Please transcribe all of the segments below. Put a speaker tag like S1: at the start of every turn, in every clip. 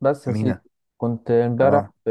S1: بس يا سيدي،
S2: أمينة.
S1: كنت امبارح
S2: اه.
S1: في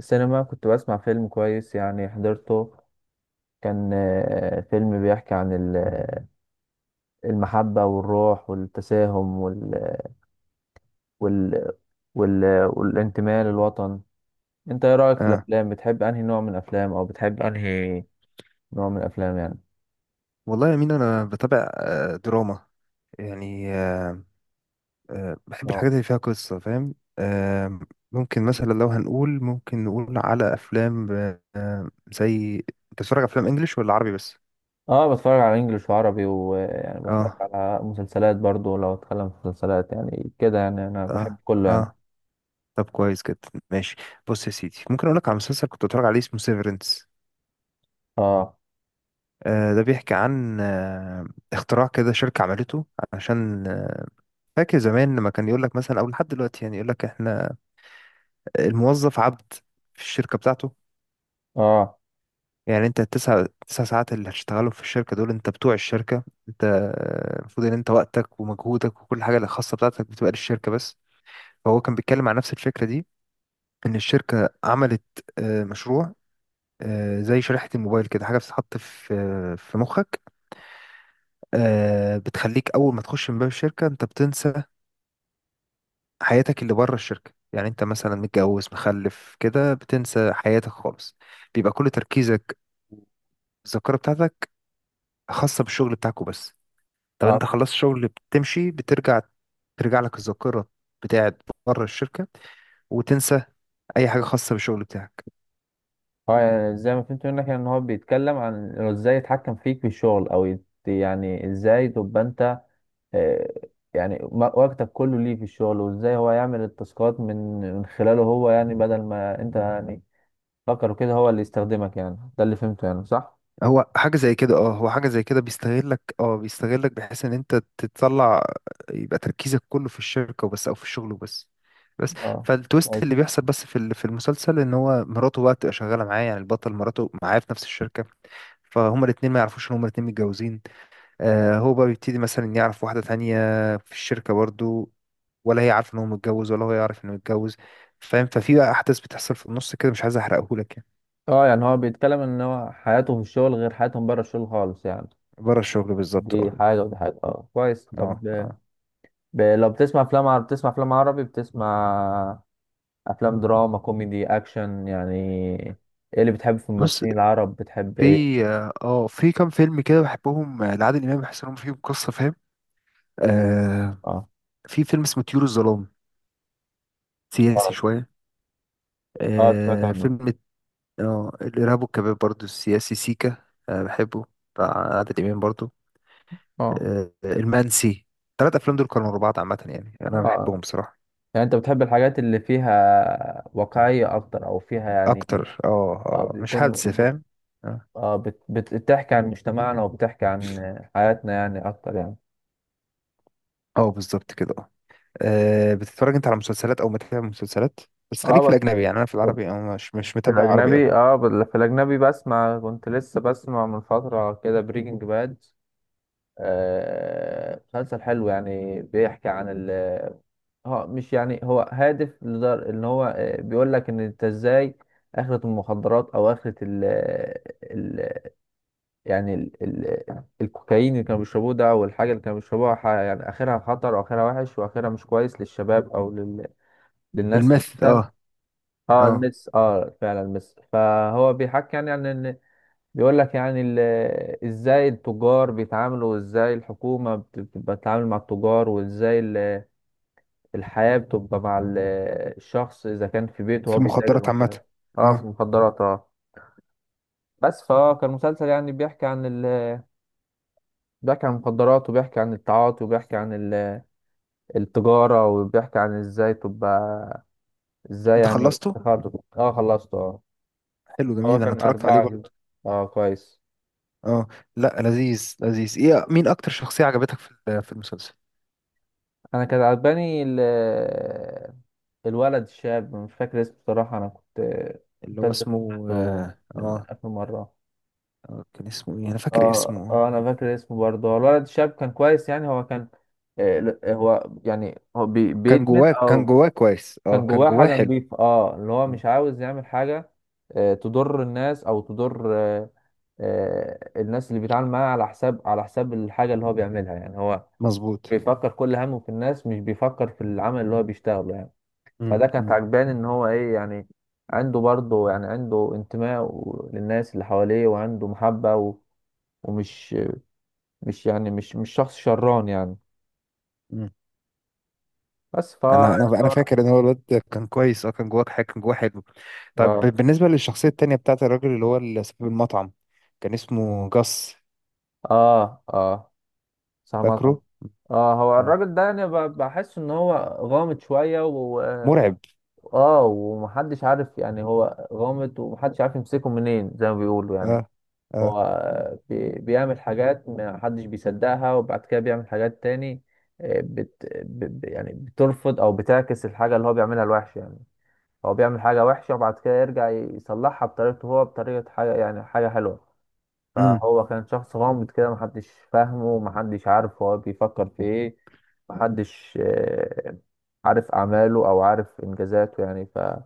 S1: سينما، كنت بسمع فيلم كويس يعني حضرته. كان فيلم بيحكي عن المحبة والروح والتساهم وال... وال... والانتماء للوطن. انت ايه رأيك في
S2: اه.
S1: الافلام؟ بتحب انهي نوع من الافلام، او بتحب انهي نوع من الافلام يعني؟
S2: والله يا أمينة، أنا بتابع دراما يعني. بحب
S1: اه
S2: الحاجات اللي فيها قصة. فاهم؟ ممكن مثلا، لو هنقول، ممكن نقول على أفلام. زي، أنت بتتفرج على أفلام إنجليش ولا عربي بس؟
S1: اه بتفرج على انجليش وعربي، ويعني بتفرج
S2: اه.
S1: على مسلسلات برضو. لو اتكلم في مسلسلات يعني كده، يعني انا بحب
S2: اه.
S1: كله يعني.
S2: اه. طب كويس جدا، ماشي. بص يا سيدي، ممكن أقول لك على مسلسل كنت بتفرج عليه، اسمه سيفرنس.
S1: اه
S2: ده بيحكي عن اختراع كده شركة عملته، عشان فاكر زمان لما كان يقول لك مثلا، او لحد دلوقتي يعني، يقول لك احنا الموظف عبد في الشركة بتاعته.
S1: اه
S2: يعني انت التسع ساعات اللي هتشتغلهم في الشركة دول، انت بتوع الشركة. انت، المفروض ان انت وقتك ومجهودك وكل حاجة الخاصة بتاعتك بتبقى للشركة بس. فهو كان بيتكلم عن نفس الفكرة دي، ان الشركة عملت مشروع، زي شريحة الموبايل كده، حاجة بتتحط في مخك. بتخليك اول ما تخش من باب الشركة، انت بتنسى حياتك اللي بره الشركة. يعني انت مثلا متجوز مخلف كده، بتنسى حياتك خالص. بيبقى كل تركيزك، الذاكرة بتاعتك، خاصة بالشغل بتاعكو بس. طب انت
S1: اه
S2: خلصت شغل، بتمشي، بترجع، ترجع لك الذاكرة بتاعت بره الشركة، وتنسى أي حاجة خاصة بالشغل بتاعك.
S1: هو يعني زي ما فهمت منك، يعني ان هو بيتكلم عن انه ازاي يتحكم فيك في الشغل، او يعني ازاي تبقى انت آه، يعني وقتك كله ليه في الشغل، وازاي هو يعمل التاسكات من خلاله هو، يعني بدل ما انت يعني فكر كده هو اللي يستخدمك. يعني ده اللي فهمته، يعني صح؟
S2: هو حاجة زي كده. اه، هو حاجة زي كده، بيستغلك. اه، بيستغلك بحيث ان انت تطلع، يبقى تركيزك كله في الشركة وبس، او في الشغل وبس. بس.
S1: اه
S2: فالتويست اللي
S1: كويس.
S2: بيحصل بس، في المسلسل، ان هو مراته بقى تبقى شغالة معاه، يعني البطل مراته معاه في نفس الشركة. فهما الاتنين ما يعرفوش ان هما الاتنين متجوزين. هو بقى بيبتدي مثلا يعرف واحدة تانية في الشركة برضو، ولا هي عارفه ان هو متجوز، ولا هو يعرف انه متجوز. فاهم؟ ففي بقى احداث بتحصل في النص كده، مش عايز احرقهولك يعني.
S1: اه يعني هو بيتكلم ان هو حياته في الشغل غير حياتهم بره الشغل خالص يعني،
S2: بره الشغل بالظبط.
S1: دي
S2: اه.
S1: حاجة ودي حاجة. اه كويس.
S2: اه.
S1: طب
S2: اه.
S1: لو بتسمع افلام عربي، بتسمع افلام عربي، بتسمع افلام دراما، كوميدي، اكشن يعني، ايه اللي بتحب في
S2: بص،
S1: الممثلين العرب؟ بتحب
S2: في
S1: ايه؟
S2: اه آه، في كام فيلم كده بحبهم، لعادل امام، بحس انهم فيهم قصه. فاهم؟ آه
S1: اه
S2: في فيلم اسمه طيور الظلام، سياسي
S1: اه.
S2: شويه.
S1: سمعت عنه.
S2: فيلم. اه، الارهاب والكباب برضو، السياسي سيكا. بحبه، بتاع عادل امام برضو.
S1: اه
S2: المنسي. ثلاث افلام دول كانوا ورا بعض عامه، يعني انا
S1: اه.
S2: بحبهم بصراحه.
S1: يعني انت بتحب الحاجات اللي فيها واقعية اكتر، او فيها يعني،
S2: اكتر. اه.
S1: اه
S2: اه. مش
S1: بيكون
S2: هلس
S1: بت...
S2: فاهم. اه.
S1: اه بت... بت... بتحكي عن مجتمعنا وبتحكي عن حياتنا يعني اكتر يعني.
S2: بالظبط كده. اه. بتتفرج انت على مسلسلات او متابع مسلسلات؟ بس
S1: اه
S2: خليك في
S1: بس.
S2: الاجنبي، يعني انا في العربي أو مش
S1: في
S2: متابع عربي قوي.
S1: الأجنبي، اه في الأجنبي بسمع، كنت لسه بسمع من فترة كده بريكنج باد. مسلسل حلو، يعني بيحكي عن ال اه مش يعني، هو هادف، لدر ان هو بيقول لك ان انت ازاي اخرة المخدرات، او اخرة ال ال يعني ال ال الكوكايين اللي كانوا بيشربوه ده، او الحاجة اللي كانوا بيشربوها، يعني اخرها خطر، واخرها وحش، واخرها مش كويس للشباب، او للناس
S2: المث.
S1: عامة.
S2: اه.
S1: اه
S2: اه.
S1: المس اه فعلا المس، فهو بيحكي يعني عن ان، بيقول لك يعني ازاي التجار بيتعاملوا، وازاي الحكومة بتتعامل مع التجار، وازاي الحياة بتبقى مع الشخص، إذا كان في بيته
S2: في
S1: هو بيتاجر
S2: المخدرات عامه.
S1: وكده. اه في
S2: اه.
S1: المخدرات اه. بس فهو كان مسلسل يعني بيحكي عن بيحكي عن المخدرات، وبيحكي عن التعاطي، وبيحكي عن التجارة، وبيحكي عن ازاي تبقى، ازاي
S2: انت
S1: يعني
S2: خلصته؟
S1: تخرج. اه خلصت اه.
S2: حلو،
S1: هو
S2: جميل. انا
S1: كان
S2: اتفرجت عليه
S1: أربعة.
S2: برضه.
S1: اه كويس.
S2: اه. لا، لذيذ لذيذ. ايه، مين اكتر شخصيه عجبتك في المسلسل؟
S1: أنا كان عجباني الولد الشاب، مش فاكر اسمه بصراحة، أنا كنت
S2: اللي هو
S1: مسلسل
S2: اسمه،
S1: سمعته
S2: اه.
S1: من
S2: اه.
S1: آخر مرة.
S2: كان اسمه ايه؟ انا فاكر اسمه.
S1: اه اه انا فاكر اسمه برضه، هو الولد الشاب كان كويس يعني، هو كان، آه لا، هو يعني هو
S2: كان
S1: بيدمن،
S2: جواه كان
S1: او
S2: جواه كويس. اه،
S1: كان
S2: كان
S1: جواه
S2: جواه
S1: حاجه
S2: حلو.
S1: نظيفه، اه اللي هو
S2: آه،
S1: مش عاوز يعمل حاجه آه تضر الناس، او تضر آه آه الناس اللي بيتعامل معاها على حساب، على حساب الحاجه اللي هو بيعملها. يعني هو
S2: مظبوط.
S1: بيفكر كل همه في الناس، مش بيفكر في العمل اللي هو بيشتغله يعني.
S2: مم.
S1: فده كانت
S2: مم.
S1: عجباني، ان هو ايه يعني، عنده برضه يعني عنده انتماء للناس اللي حواليه، وعنده محبه و... ومش مش يعني مش مش شخص شران يعني.
S2: مم.
S1: بس ف
S2: انا فاكر ان هو الواد ده كان كويس. اه، كان جواه حاجه، كان جواه حلو. طب
S1: اه
S2: بالنسبه للشخصيه التانية، بتاعت الراجل، اللي هو اللي صاحب المطعم، كان اسمه جاس.
S1: اه اه. سامع سامع.
S2: فاكره؟
S1: اه هو
S2: اه.
S1: الراجل ده يعني بحس ان هو غامض شويه و،
S2: مرعب.
S1: اه ومحدش عارف، يعني هو غامض ومحدش عارف يمسكه منين زي ما بيقولوا يعني.
S2: اه. اه.
S1: هو بيعمل حاجات محدش بيصدقها، وبعد كده بيعمل حاجات تاني يعني بترفض او بتعكس الحاجه اللي هو بيعملها الوحشه يعني. هو بيعمل حاجه وحشه، وبعد كده يرجع يصلحها بطريقته هو، بطريقه حاجه يعني حاجه حلوه.
S2: امم.
S1: فهو كان شخص غامض كده، محدش فاهمه، محدش عارف هو بيفكر في ايه، محدش عارف أعماله، أو عارف إنجازاته يعني. فهو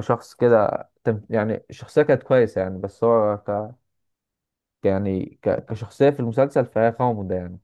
S1: شخص كده، يعني الشخصية كانت كويسة يعني. بس هو كشخصية في المسلسل فهي غامضة يعني.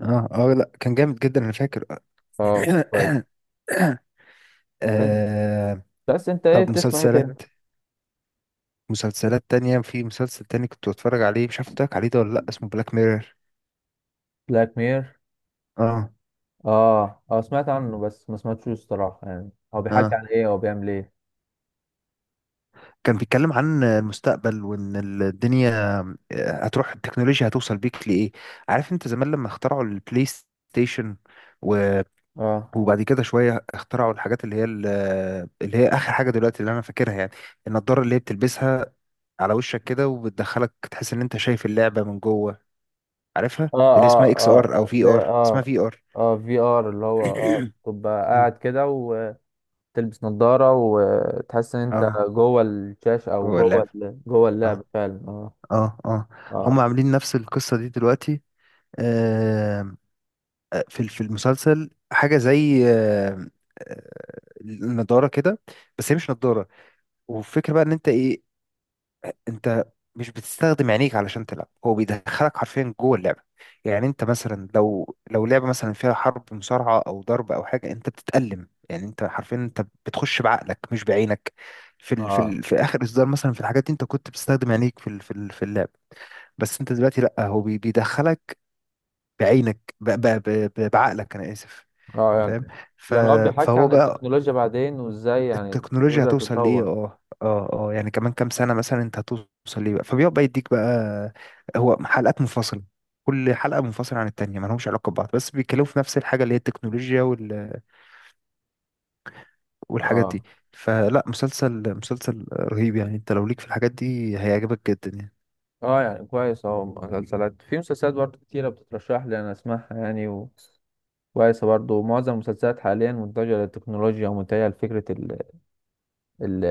S2: اه. اه، لا كان جامد جدا، انا فاكر.
S1: اه كويس. من-
S2: آه.
S1: بس أنت إيه
S2: طب
S1: بتسمع إيه
S2: مسلسلات
S1: تاني؟
S2: مسلسلات تانية، في مسلسل تاني كنت بتفرج عليه، مش عارف قلت لك عليه ده ولا لا، اسمه بلاك ميرور.
S1: بلاك مير؟
S2: اه.
S1: آه آه سمعت عنه، بس ما سمعتوش الصراحة يعني. هو بيحكي
S2: اه.
S1: عن إيه؟ هو بيعمل إيه؟
S2: كان بيتكلم عن المستقبل، وان الدنيا هتروح، التكنولوجيا هتوصل بيك لايه. عارف انت زمان لما اخترعوا البلاي ستيشن، و...
S1: اه
S2: وبعد كده شويه اخترعوا الحاجات اللي هي اللي هي اخر حاجه دلوقتي اللي انا فاكرها يعني، النضاره اللي هي بتلبسها على وشك كده، وبتدخلك تحس ان انت شايف اللعبه من جوه. عارفها،
S1: اه
S2: اللي اسمها
S1: اه
S2: اكس ار، او
S1: اه
S2: في
S1: لا
S2: ار. اسمها
S1: اه.
S2: في ار.
S1: اه في ار، اللي هو اه تبقى قاعد كده، وتلبس نظارة، وتحس ان انت
S2: اه،
S1: جوه الشاشة، او
S2: جوه
S1: جوه
S2: اللعبه.
S1: جوه اللعبة
S2: اه.
S1: فعلا اه.
S2: اه. اه، هم
S1: اه
S2: عاملين نفس القصه دي دلوقتي. آه، في المسلسل حاجه زي النضاره كده، بس هي مش نضاره. والفكره بقى ان انت ايه، انت مش بتستخدم عينيك علشان تلعب، هو بيدخلك حرفيا جوه اللعبه. يعني انت مثلا، لو لو لعبه مثلا فيها حرب، مصارعه او ضرب او حاجه، انت بتتألم. يعني انت حرفيا، انت بتخش بعقلك مش بعينك. في ال في
S1: اه
S2: ال في اخر اصدار مثلا، في الحاجات دي، انت كنت بتستخدم عينيك في اللعب. بس انت دلوقتي، لا، هو بيدخلك بعينك، بعقلك. انا اسف.
S1: اه
S2: فاهم.
S1: يعني،
S2: ف...
S1: يعني هو بيحكي
S2: فهو
S1: عن
S2: بقى،
S1: التكنولوجيا بعدين، وازاي يعني
S2: التكنولوجيا
S1: التكنولوجيا
S2: هتوصل لايه.
S1: هتتطور.
S2: اه. اه. اه، يعني كمان كام سنه مثلا، انت هتوصل ليه بقى. فبيقعد بقى يديك بقى، هو حلقات منفصله، كل حلقه منفصله عن التانيه، ما لهمش علاقه ببعض، بس بيتكلموا في نفس الحاجه اللي هي التكنولوجيا والحاجات
S1: اه
S2: دي. فلا، مسلسل رهيب. يعني انت لو ليك في الحاجات دي، هيعجبك جدا يعني.
S1: اه. يعني كويس اهو، مسلسلات في مسلسلات برضه كتيرة بتترشح لي انا اسمعها يعني، وكويسة برضه. معظم المسلسلات حاليا متجهة للتكنولوجيا، ومتجهة لفكرة ال...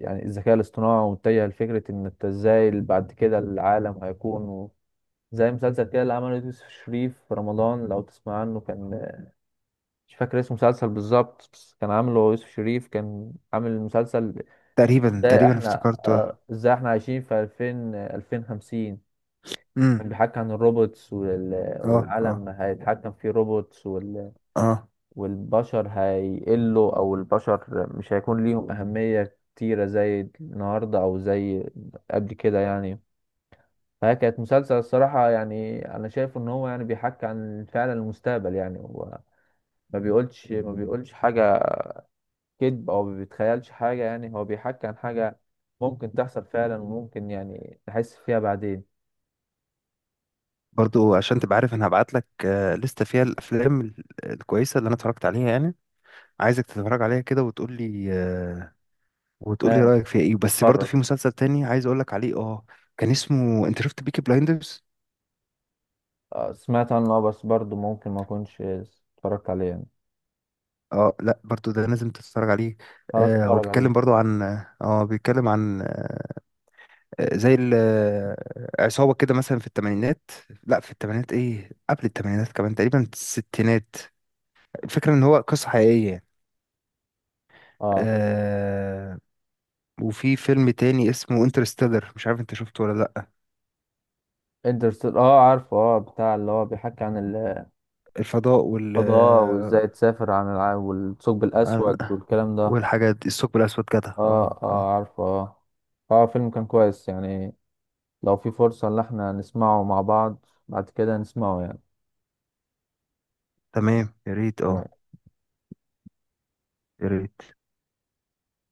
S1: يعني الذكاء الاصطناعي، ومتجه لفكرة إن أنت إزاي بعد كده العالم هيكون، زي مسلسل كده اللي عمله يوسف شريف في رمضان لو تسمع عنه. كان مش فاكر اسم المسلسل بالظبط، بس كان عامله يوسف شريف، كان عامل مسلسل
S2: تقريبا
S1: إزاي
S2: تقريبا
S1: إحنا،
S2: افتكرته.
S1: إزاي إحنا عايشين في 2000 2050.
S2: امم.
S1: كان بيحكي عن الروبوتس
S2: اه. اه.
S1: والعالم هيتحكم فيه روبوتس،
S2: اه،
S1: والبشر هيقلوا، او البشر مش هيكون ليهم اهمية كتيرة زي النهاردة، او زي قبل كده يعني. فهي كانت مسلسل الصراحة يعني، انا شايف ان هو يعني بيحكي عن فعلا المستقبل يعني. هو ما بيقولش حاجة كذب، او ما بيتخيلش حاجة، يعني هو بيحكي عن حاجة ممكن تحصل فعلا، وممكن يعني تحس فيها بعدين.
S2: برضو عشان تبقى عارف، انا هبعت لك لستة فيها الافلام الكويسه اللي انا اتفرجت عليها يعني. عايزك تتفرج عليها كده، وتقول لي وتقول لي
S1: تمام
S2: رأيك فيها ايه. بس برضو
S1: اتفرج.
S2: في مسلسل تاني عايز اقول لك عليه. اه. كان اسمه، انت شفت بيكي بلايندرز؟
S1: سمعت عنه. بس برضه ممكن ما اكونش اتفرجت عليه يعني.
S2: اه، لا برضو ده لازم تتفرج عليه.
S1: خلاص
S2: هو
S1: اتفرج
S2: بيتكلم
S1: عليه.
S2: برضو عن، اه، بيتكلم عن، زي عصابة كده مثلا في الثمانينات. لا، في الثمانينات، ايه، قبل الثمانينات كمان، تقريبا الستينات. الفكرة ان هو قصة حقيقية يعني.
S1: اه
S2: آه وفي فيلم تاني اسمه انترستيلر، مش عارف انت شفته ولا لا.
S1: انترستيلر، اه عارفه اه، بتاع اللي هو بيحكي عن
S2: الفضاء وال،
S1: الفضاء، وازاي تسافر عن العالم، والثقب
S2: آه،
S1: الاسود والكلام ده.
S2: والحاجات دي، الثقب الأسود جدع. اه.
S1: اه
S2: اه.
S1: اه عارفه اه. اه فيلم كان كويس يعني، لو في فرصة ان احنا نسمعه مع بعض بعد كده نسمعه يعني.
S2: تمام، يا ريت. اه.
S1: تمام.
S2: يا ريت.